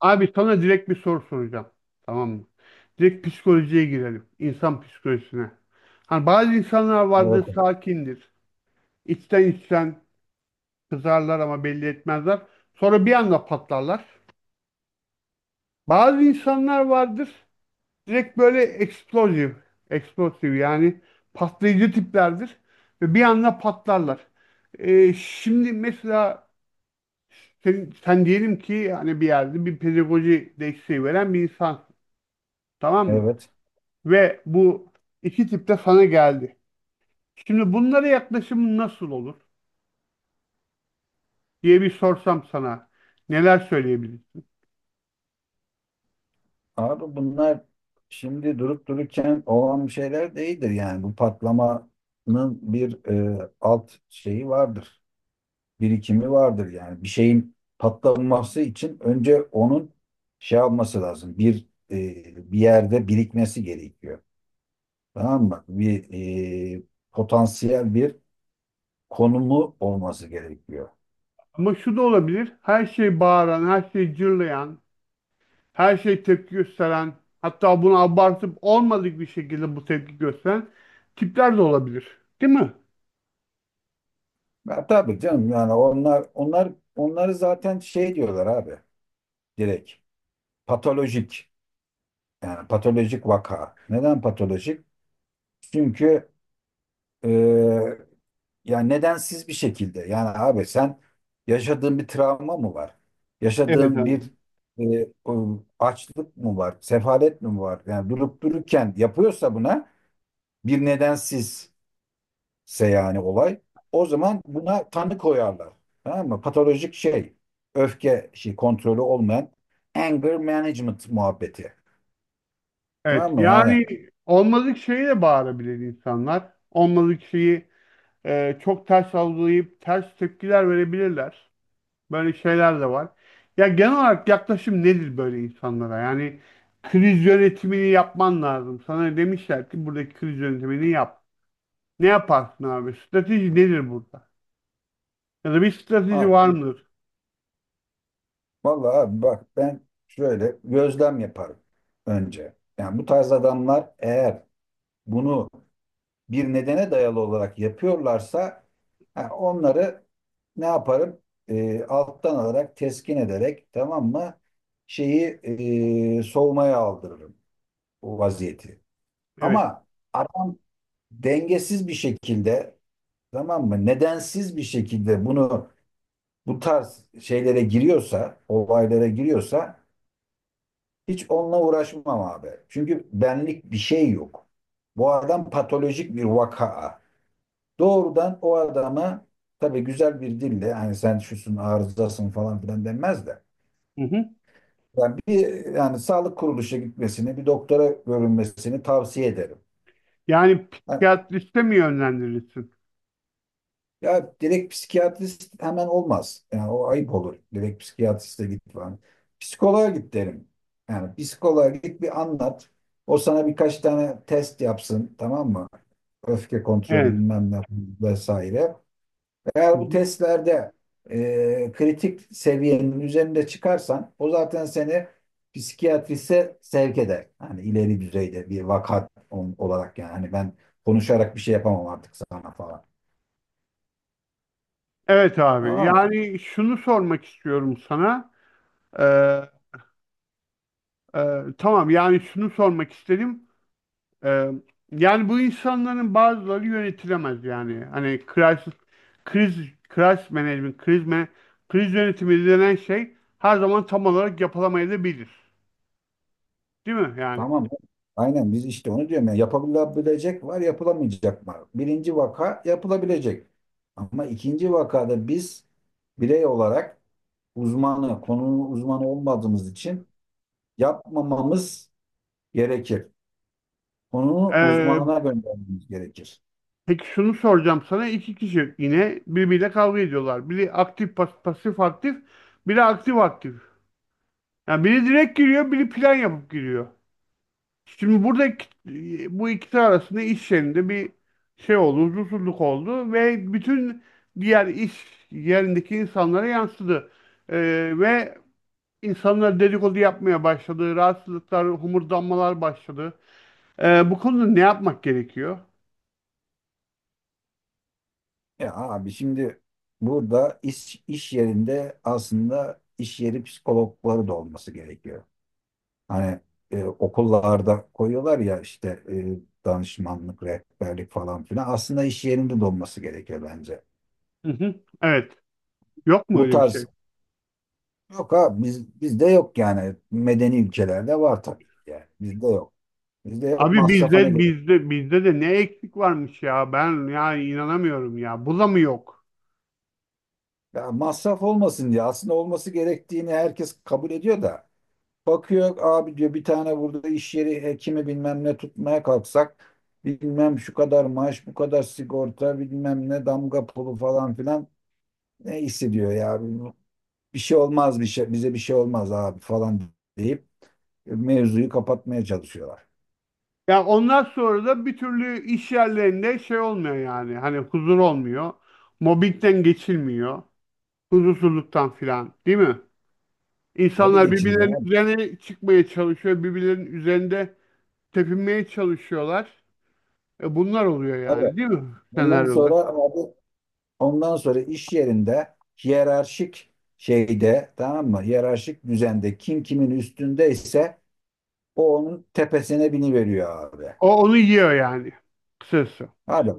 Abi sana direkt bir soru soracağım. Tamam mı? Direkt psikolojiye girelim. İnsan psikolojisine. Hani bazı insanlar vardır Evet, sakindir. İçten içten kızarlar ama belli etmezler. Sonra bir anda patlarlar. Bazı insanlar vardır. Direkt böyle eksplosif. Eksplosif yani patlayıcı tiplerdir. Ve bir anda patlarlar. Şimdi mesela sen diyelim ki hani bir yerde bir pedagoji desteği veren bir insan. Tamam mı? evet. Ve bu iki tip de sana geldi. Şimdi bunlara yaklaşımın nasıl olur diye bir sorsam sana neler söyleyebilirsin? Abi bunlar şimdi durup dururken olan bir şeyler değildir yani. Bu patlamanın bir alt şeyi vardır. Birikimi vardır yani. Bir şeyin patlaması için önce onun şey yapması lazım. Bir bir yerde birikmesi gerekiyor. Tamam mı? Bir e, potansiyel bir konumu olması gerekiyor. Ama şu da olabilir. Her şey bağıran, her şey cırlayan, her şey tepki gösteren, hatta bunu abartıp olmadık bir şekilde bu tepki gösteren tipler de olabilir. Değil mi? Ya, tabii canım yani onlar onları zaten şey diyorlar abi, direkt patolojik. Yani patolojik vaka. Neden patolojik? Çünkü e, yani nedensiz bir şekilde. Yani abi sen yaşadığın bir travma mı var? Evet Yaşadığın abi. bir o açlık mı var? Sefalet mi var? Yani durup dururken yapıyorsa buna bir nedensizse yani olay. O zaman buna tanı koyarlar. Tamam mı? Patolojik şey. Öfke şey kontrolü olmayan anger management muhabbeti. Evet. Tamam mı? Yani Yani olmadık şeyi de bağırabilir insanlar. Olmadık şeyi çok ters algılayıp ters tepkiler verebilirler. Böyle şeyler de var. Ya genel olarak yaklaşım nedir böyle insanlara? Yani kriz yönetimini yapman lazım. Sana demişler ki buradaki kriz yönetimini yap. Ne yaparsın abi? Strateji nedir burada? Ya da bir strateji var abi, mıdır? vallahi abi bak ben şöyle gözlem yaparım önce. Yani bu tarz adamlar eğer bunu bir nedene dayalı olarak yapıyorlarsa ha, onları ne yaparım? Alttan alarak, teskin ederek, tamam mı? Şeyi soğumaya aldırırım o vaziyeti. Evet. Ama adam dengesiz bir şekilde, tamam mı? Nedensiz bir şekilde bunu bu tarz şeylere giriyorsa, olaylara giriyorsa, hiç onunla uğraşmam abi. Çünkü benlik bir şey yok. Bu adam patolojik bir vaka. Doğrudan o adama tabii güzel bir dille hani sen şusun arızasın falan filan denmez de. Hı hı. Yani bir yani sağlık kuruluşa gitmesini, bir doktora görünmesini tavsiye ederim. Yani Yani psikiyatriste mi yönlendirirsin? ya direkt psikiyatrist hemen olmaz. Yani o ayıp olur. Direkt psikiyatriste git falan. Psikoloğa git derim. Yani psikoloğa git bir anlat. O sana birkaç tane test yapsın, tamam mı? Öfke kontrolü Evet. bilmem ne vesaire. Hı Eğer bu hı. testlerde kritik seviyenin üzerinde çıkarsan o zaten seni psikiyatrise sevk eder. Hani ileri düzeyde bir vaka on- olarak yani. Hani ben konuşarak bir şey yapamam artık sana falan. Evet abi. Tamam Yani şunu sormak istiyorum sana. Ee, e, tamam yani şunu sormak istedim. Ee, Yani bu insanların bazıları yönetilemez yani. Hani crisis, kriz, crisis management, kriz yönetimi denen şey her zaman tam olarak yapılamayabilir. Değil mi yani? Tamam. Aynen biz işte onu diyorum ya. Yapılabilecek var, yapılamayacak var. Birinci vaka yapılabilecek. Ama ikinci vakada biz birey olarak uzmanı, konunun uzmanı olmadığımız için yapmamamız gerekir. Konunun Ee, uzmanına göndermemiz gerekir. peki şunu soracağım sana. İki kişi yine birbiriyle kavga ediyorlar. Biri pasif aktif, biri aktif aktif. Yani biri direkt giriyor, biri plan yapıp giriyor. Şimdi buradaki bu ikisi arasında iş yerinde bir şey oldu, huzursuzluk oldu ve bütün diğer iş yerindeki insanlara yansıdı. Ve insanlar dedikodu yapmaya başladı, rahatsızlıklar, homurdanmalar başladı. Bu konuda ne yapmak gerekiyor? Ya abi şimdi burada iş yerinde aslında iş yeri psikologları da olması gerekiyor. Hani okullarda koyuyorlar ya işte danışmanlık, rehberlik falan filan. Aslında iş yerinde de olması gerekiyor bence. Hı hı. Evet. Yok mu Bu öyle bir şey? tarz yok, ha bizde yok yani. Medeni ülkelerde var tabii ki yani. Bizde yok. Bizde yok, Abi masrafa ne bizde gerek? bizde bizde de ne eksik varmış ya. Ben yani inanamıyorum ya. Bu da mı yok? Ya masraf olmasın diye aslında olması gerektiğini herkes kabul ediyor da. Bakıyor abi, diyor bir tane burada iş yeri hekimi bilmem ne tutmaya kalksak bilmem şu kadar maaş bu kadar sigorta bilmem ne damga pulu falan filan, ne hissediyor ya, bir şey olmaz bir şey, bize bir şey olmaz abi falan deyip mevzuyu kapatmaya çalışıyorlar. Ya ondan sonra da bir türlü iş yerlerinde şey olmuyor yani. Hani huzur olmuyor. Mobbingden geçilmiyor. Huzursuzluktan filan, değil mi? Tabii İnsanlar geçinmiyor birbirlerinin abi. üzerine çıkmaya çalışıyor. Birbirlerinin üzerinde tepinmeye çalışıyorlar. E bunlar oluyor Tabii. yani, değil mi? Ondan sonra Senaryolar. abi, ondan sonra iş yerinde hiyerarşik şeyde, tamam mı? Hiyerarşik düzende kim kimin üstündeyse o onun tepesine biniveriyor abi. O onu yiyor yani. Kısası. Hadi.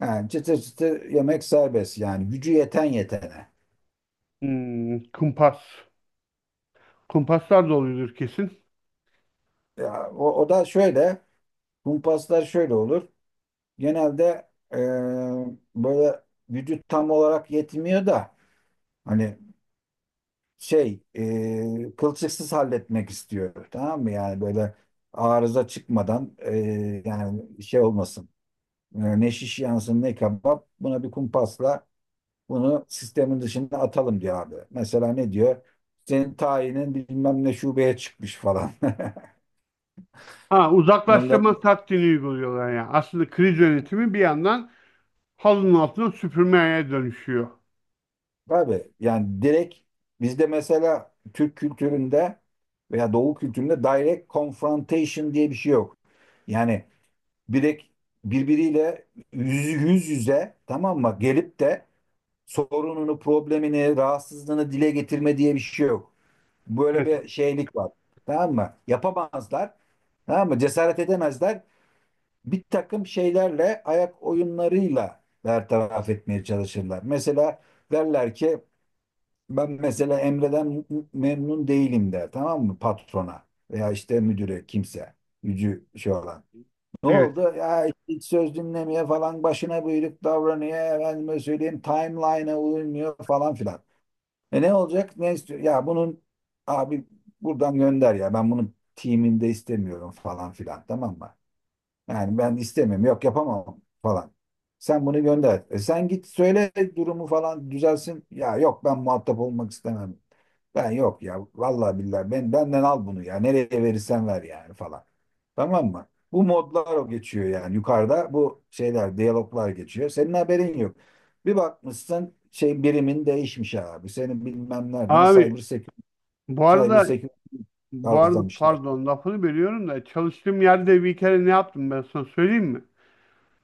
Yani çıtır çıtır yemek serbest yani, gücü yeten yetene. Hmm, kumpas. Kumpaslar da oluyordur kesin. Ya, o da şöyle, kumpaslar şöyle olur. Genelde böyle vücut tam olarak yetmiyor da hani şey kılçıksız halletmek istiyor, tamam mı? Yani böyle arıza çıkmadan, yani şey olmasın. E, ne şiş yansın ne kebap, buna bir kumpasla bunu sistemin dışında atalım diyor abi, mesela ne diyor, senin tayinin bilmem ne şubeye çıkmış falan. Ha, Ondan uzaklaştırma taktiğini uyguluyorlar yani. Aslında kriz yönetimi bir yandan halının altına süpürmeye dönüşüyor. tabii yani direkt bizde mesela Türk kültüründe veya Doğu kültüründe direct confrontation diye bir şey yok. Yani direkt birbiriyle yüz yüze, tamam mı, gelip de sorununu, problemini, rahatsızlığını dile getirme diye bir şey yok. Böyle Evet, bir şeylik var. Tamam mı? Yapamazlar. Tamam mı? Cesaret edemezler. Bir takım şeylerle, ayak oyunlarıyla bertaraf etmeye çalışırlar. Mesela derler ki ben mesela Emre'den memnun değilim der, tamam mı, patrona veya işte müdüre kimse gücü şey olan. Ne evet. oldu? Ya işte hiç söz dinlemiyor falan, başına buyruk davranıyor, efendime söyleyeyim timeline'a uymuyor falan filan. E ne olacak? Ne istiyor? Ya bunun abi buradan gönder ya, ben bunun timinde istemiyorum falan filan, tamam mı? Yani ben istemem, yok yapamam falan. Sen bunu gönder. E sen git söyle, durumu falan düzelsin. Ya yok, ben muhatap olmak istemem. Ben yok ya, vallahi billahi ben, benden al bunu ya. Nereye verirsen ver yani falan. Tamam mı? Bu modlar o geçiyor yani, yukarıda bu şeyler, diyaloglar geçiyor. Senin haberin yok. Bir bakmışsın şey, birimin değişmiş abi. Seni bilmem nereden cyber Abi security, bu cyber arada security bu arada kazlamışlar. pardon lafını bölüyorum da çalıştığım yerde bir kere ne yaptım ben sana söyleyeyim mi?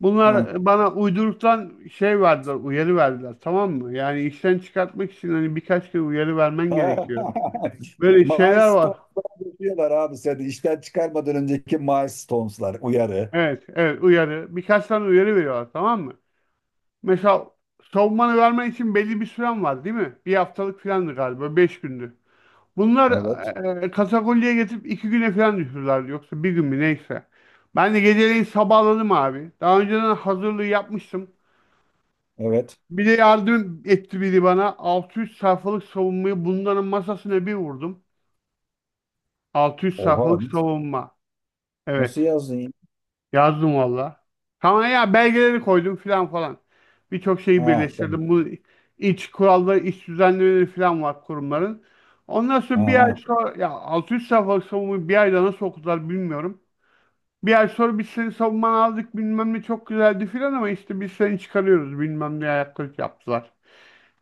Bunlar bana uyduruktan şey verdiler, uyarı verdiler tamam mı? Yani işten çıkartmak için hani birkaç kere uyarı vermen gerekiyor. Böyle şeyler var. Milestones'lar yapıyorlar abi seni. İşten çıkarmadan önceki milestones'lar uyarı. Evet, evet uyarı. Birkaç tane uyarı veriyorlar tamam mı? Mesela savunmanı vermen için belli bir süren var değil mi? Bir haftalık filandı galiba, beş gündü. Bunlar Evet. Katakulliye getirip iki güne falan düşürürlerdi. Yoksa bir gün mü neyse. Ben de geceleyin sabahladım abi. Daha önceden hazırlığı yapmıştım. Evet. Bir de yardım etti biri bana. 600 sayfalık savunmayı bunların masasına bir vurdum. Altı yüz Oha. sayfalık savunma. Nasıl Evet. yazdın ya? Yazdım valla. Tamam ya belgeleri koydum filan falan. Birçok şeyi Ha, tamam. birleştirdim. Bu iç kuralları, iç düzenlemeleri filan var kurumların. Ondan sonra bir ay Aha. sonra ya 600 sayfalık savunmayı bir ayda nasıl okudular bilmiyorum. Bir ay sonra biz seni savunmanı aldık bilmem ne çok güzeldi filan ama işte biz seni çıkarıyoruz bilmem ne ayaklık yaptılar.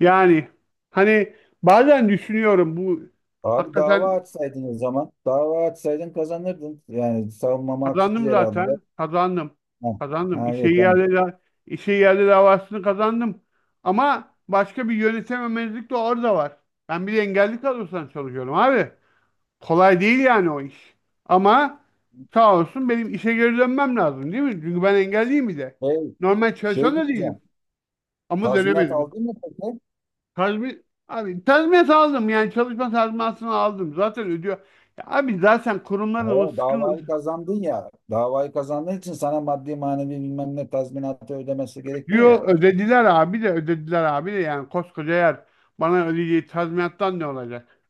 Yani hani bazen düşünüyorum bu Abi dava hakikaten açsaydın o zaman. Dava açsaydın kazanırdın. Yani savunmamı haksız Kazandım yere aldılar. zaten. Kazandım. Ha. Kazandım. Ha, İşe evet, tamam. yerli, işe yerli davasını kazandım. Ama başka bir yönetememezlik de orada var. Ben bir de engelli kadrosundan çalışıyorum abi. Kolay değil yani o iş. Ama sağ olsun benim işe geri dönmem lazım değil mi? Çünkü ben engelliyim bir de. Şey, Normal şey, çalışan da diyeceğim. değilim. Ama Tazminat dönemedim. aldın mı peki? Abi tazminat aldım yani çalışma tazminatını aldım. Zaten ödüyor. Ya abi zaten Ha, kurumların o davayı sıkıntı, kazandın ya. Davayı kazandığın için sana maddi manevi bilmem ne tazminatı ödemesi gerekiyor diyor ya. ödediler abi de ödediler abi de yani koskoca yer bana ödeyeceği tazminattan ne olacak?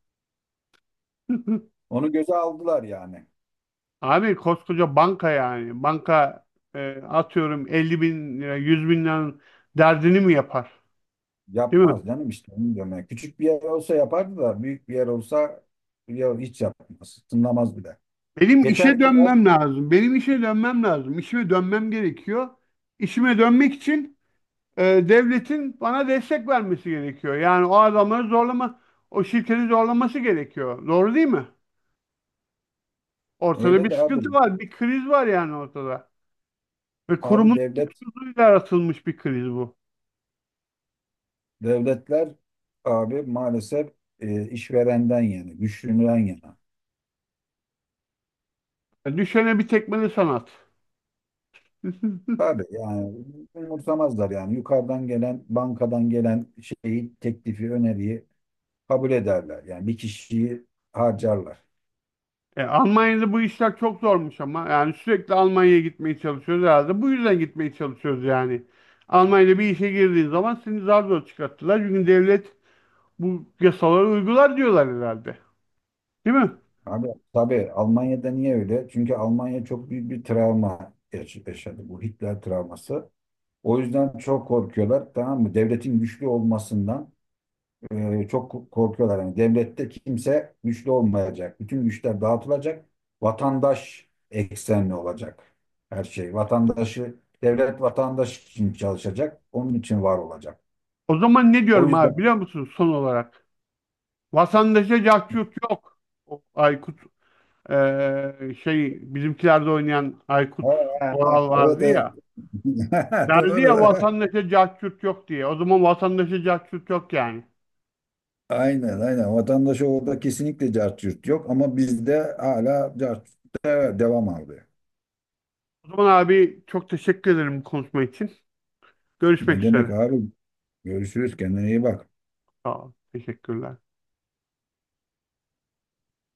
Onu göze aldılar yani. Abi koskoca banka yani banka atıyorum 50 bin lira 100 bin liranın derdini mi yapar? Değil mi? Yapmaz canım, işte onu diyorum. Yani küçük bir yer olsa yapardı da büyük bir yer olsa ya hiç yapmaz. Tınlamaz bile. Benim işe Yeter ki de dönmem lazım. Benim işe dönmem lazım. İşime dönmem gerekiyor. İşime dönmek için devletin bana destek vermesi gerekiyor. Yani o adamları zorlama, o şirketi zorlaması gerekiyor. Doğru değil mi? Ortada öyle bir de abi. sıkıntı var, bir kriz var yani ortada. Ve Abi kurumun devlet, hukuksuzluğuyla yaratılmış bir kriz bu. devletler abi maalesef işverenden yani güçlüden yana. E, düşene bir tekmeli sanat. Tabii yani umursamazlar yani, yukarıdan gelen, bankadan gelen şeyi, teklifi, öneriyi kabul ederler. Yani bir kişiyi harcarlar. E, Almanya'da bu işler çok zormuş ama. Yani sürekli Almanya'ya gitmeye çalışıyoruz herhalde. Bu yüzden gitmeye çalışıyoruz yani. Almanya'da bir işe girdiğin zaman seni zar zor çıkarttılar. Çünkü devlet bu yasaları uygular diyorlar herhalde. Değil mi? Abi tabii Almanya'da niye öyle? Çünkü Almanya çok büyük bir travma yaşadı, bu Hitler travması. O yüzden çok korkuyorlar, tamam mı? Devletin güçlü olmasından çok korkuyorlar. Yani devlette kimse güçlü olmayacak. Bütün güçler dağıtılacak. Vatandaş eksenli olacak her şey. Vatandaşı, devlet vatandaş için çalışacak. Onun için var olacak. O zaman ne O diyorum yüzden abi biliyor musun son olarak? Vatandaşa cahçurt yok. O Aykut bizimkilerde oynayan Aykut Oral evet, vardı evet. ya. Geldi ya Doğru. vatandaşa cahçurt yok diye. O zaman vatandaşa cahçurt yok yani. Aynen, aynen. Vatandaşa orada kesinlikle cart curt yok, ama bizde hala cart curt da devam abi. O zaman abi çok teşekkür ederim konuşma için. Ne Görüşmek demek üzere. abi? Görüşürüz. Kendine iyi bak. Sağ ol. Teşekkürler.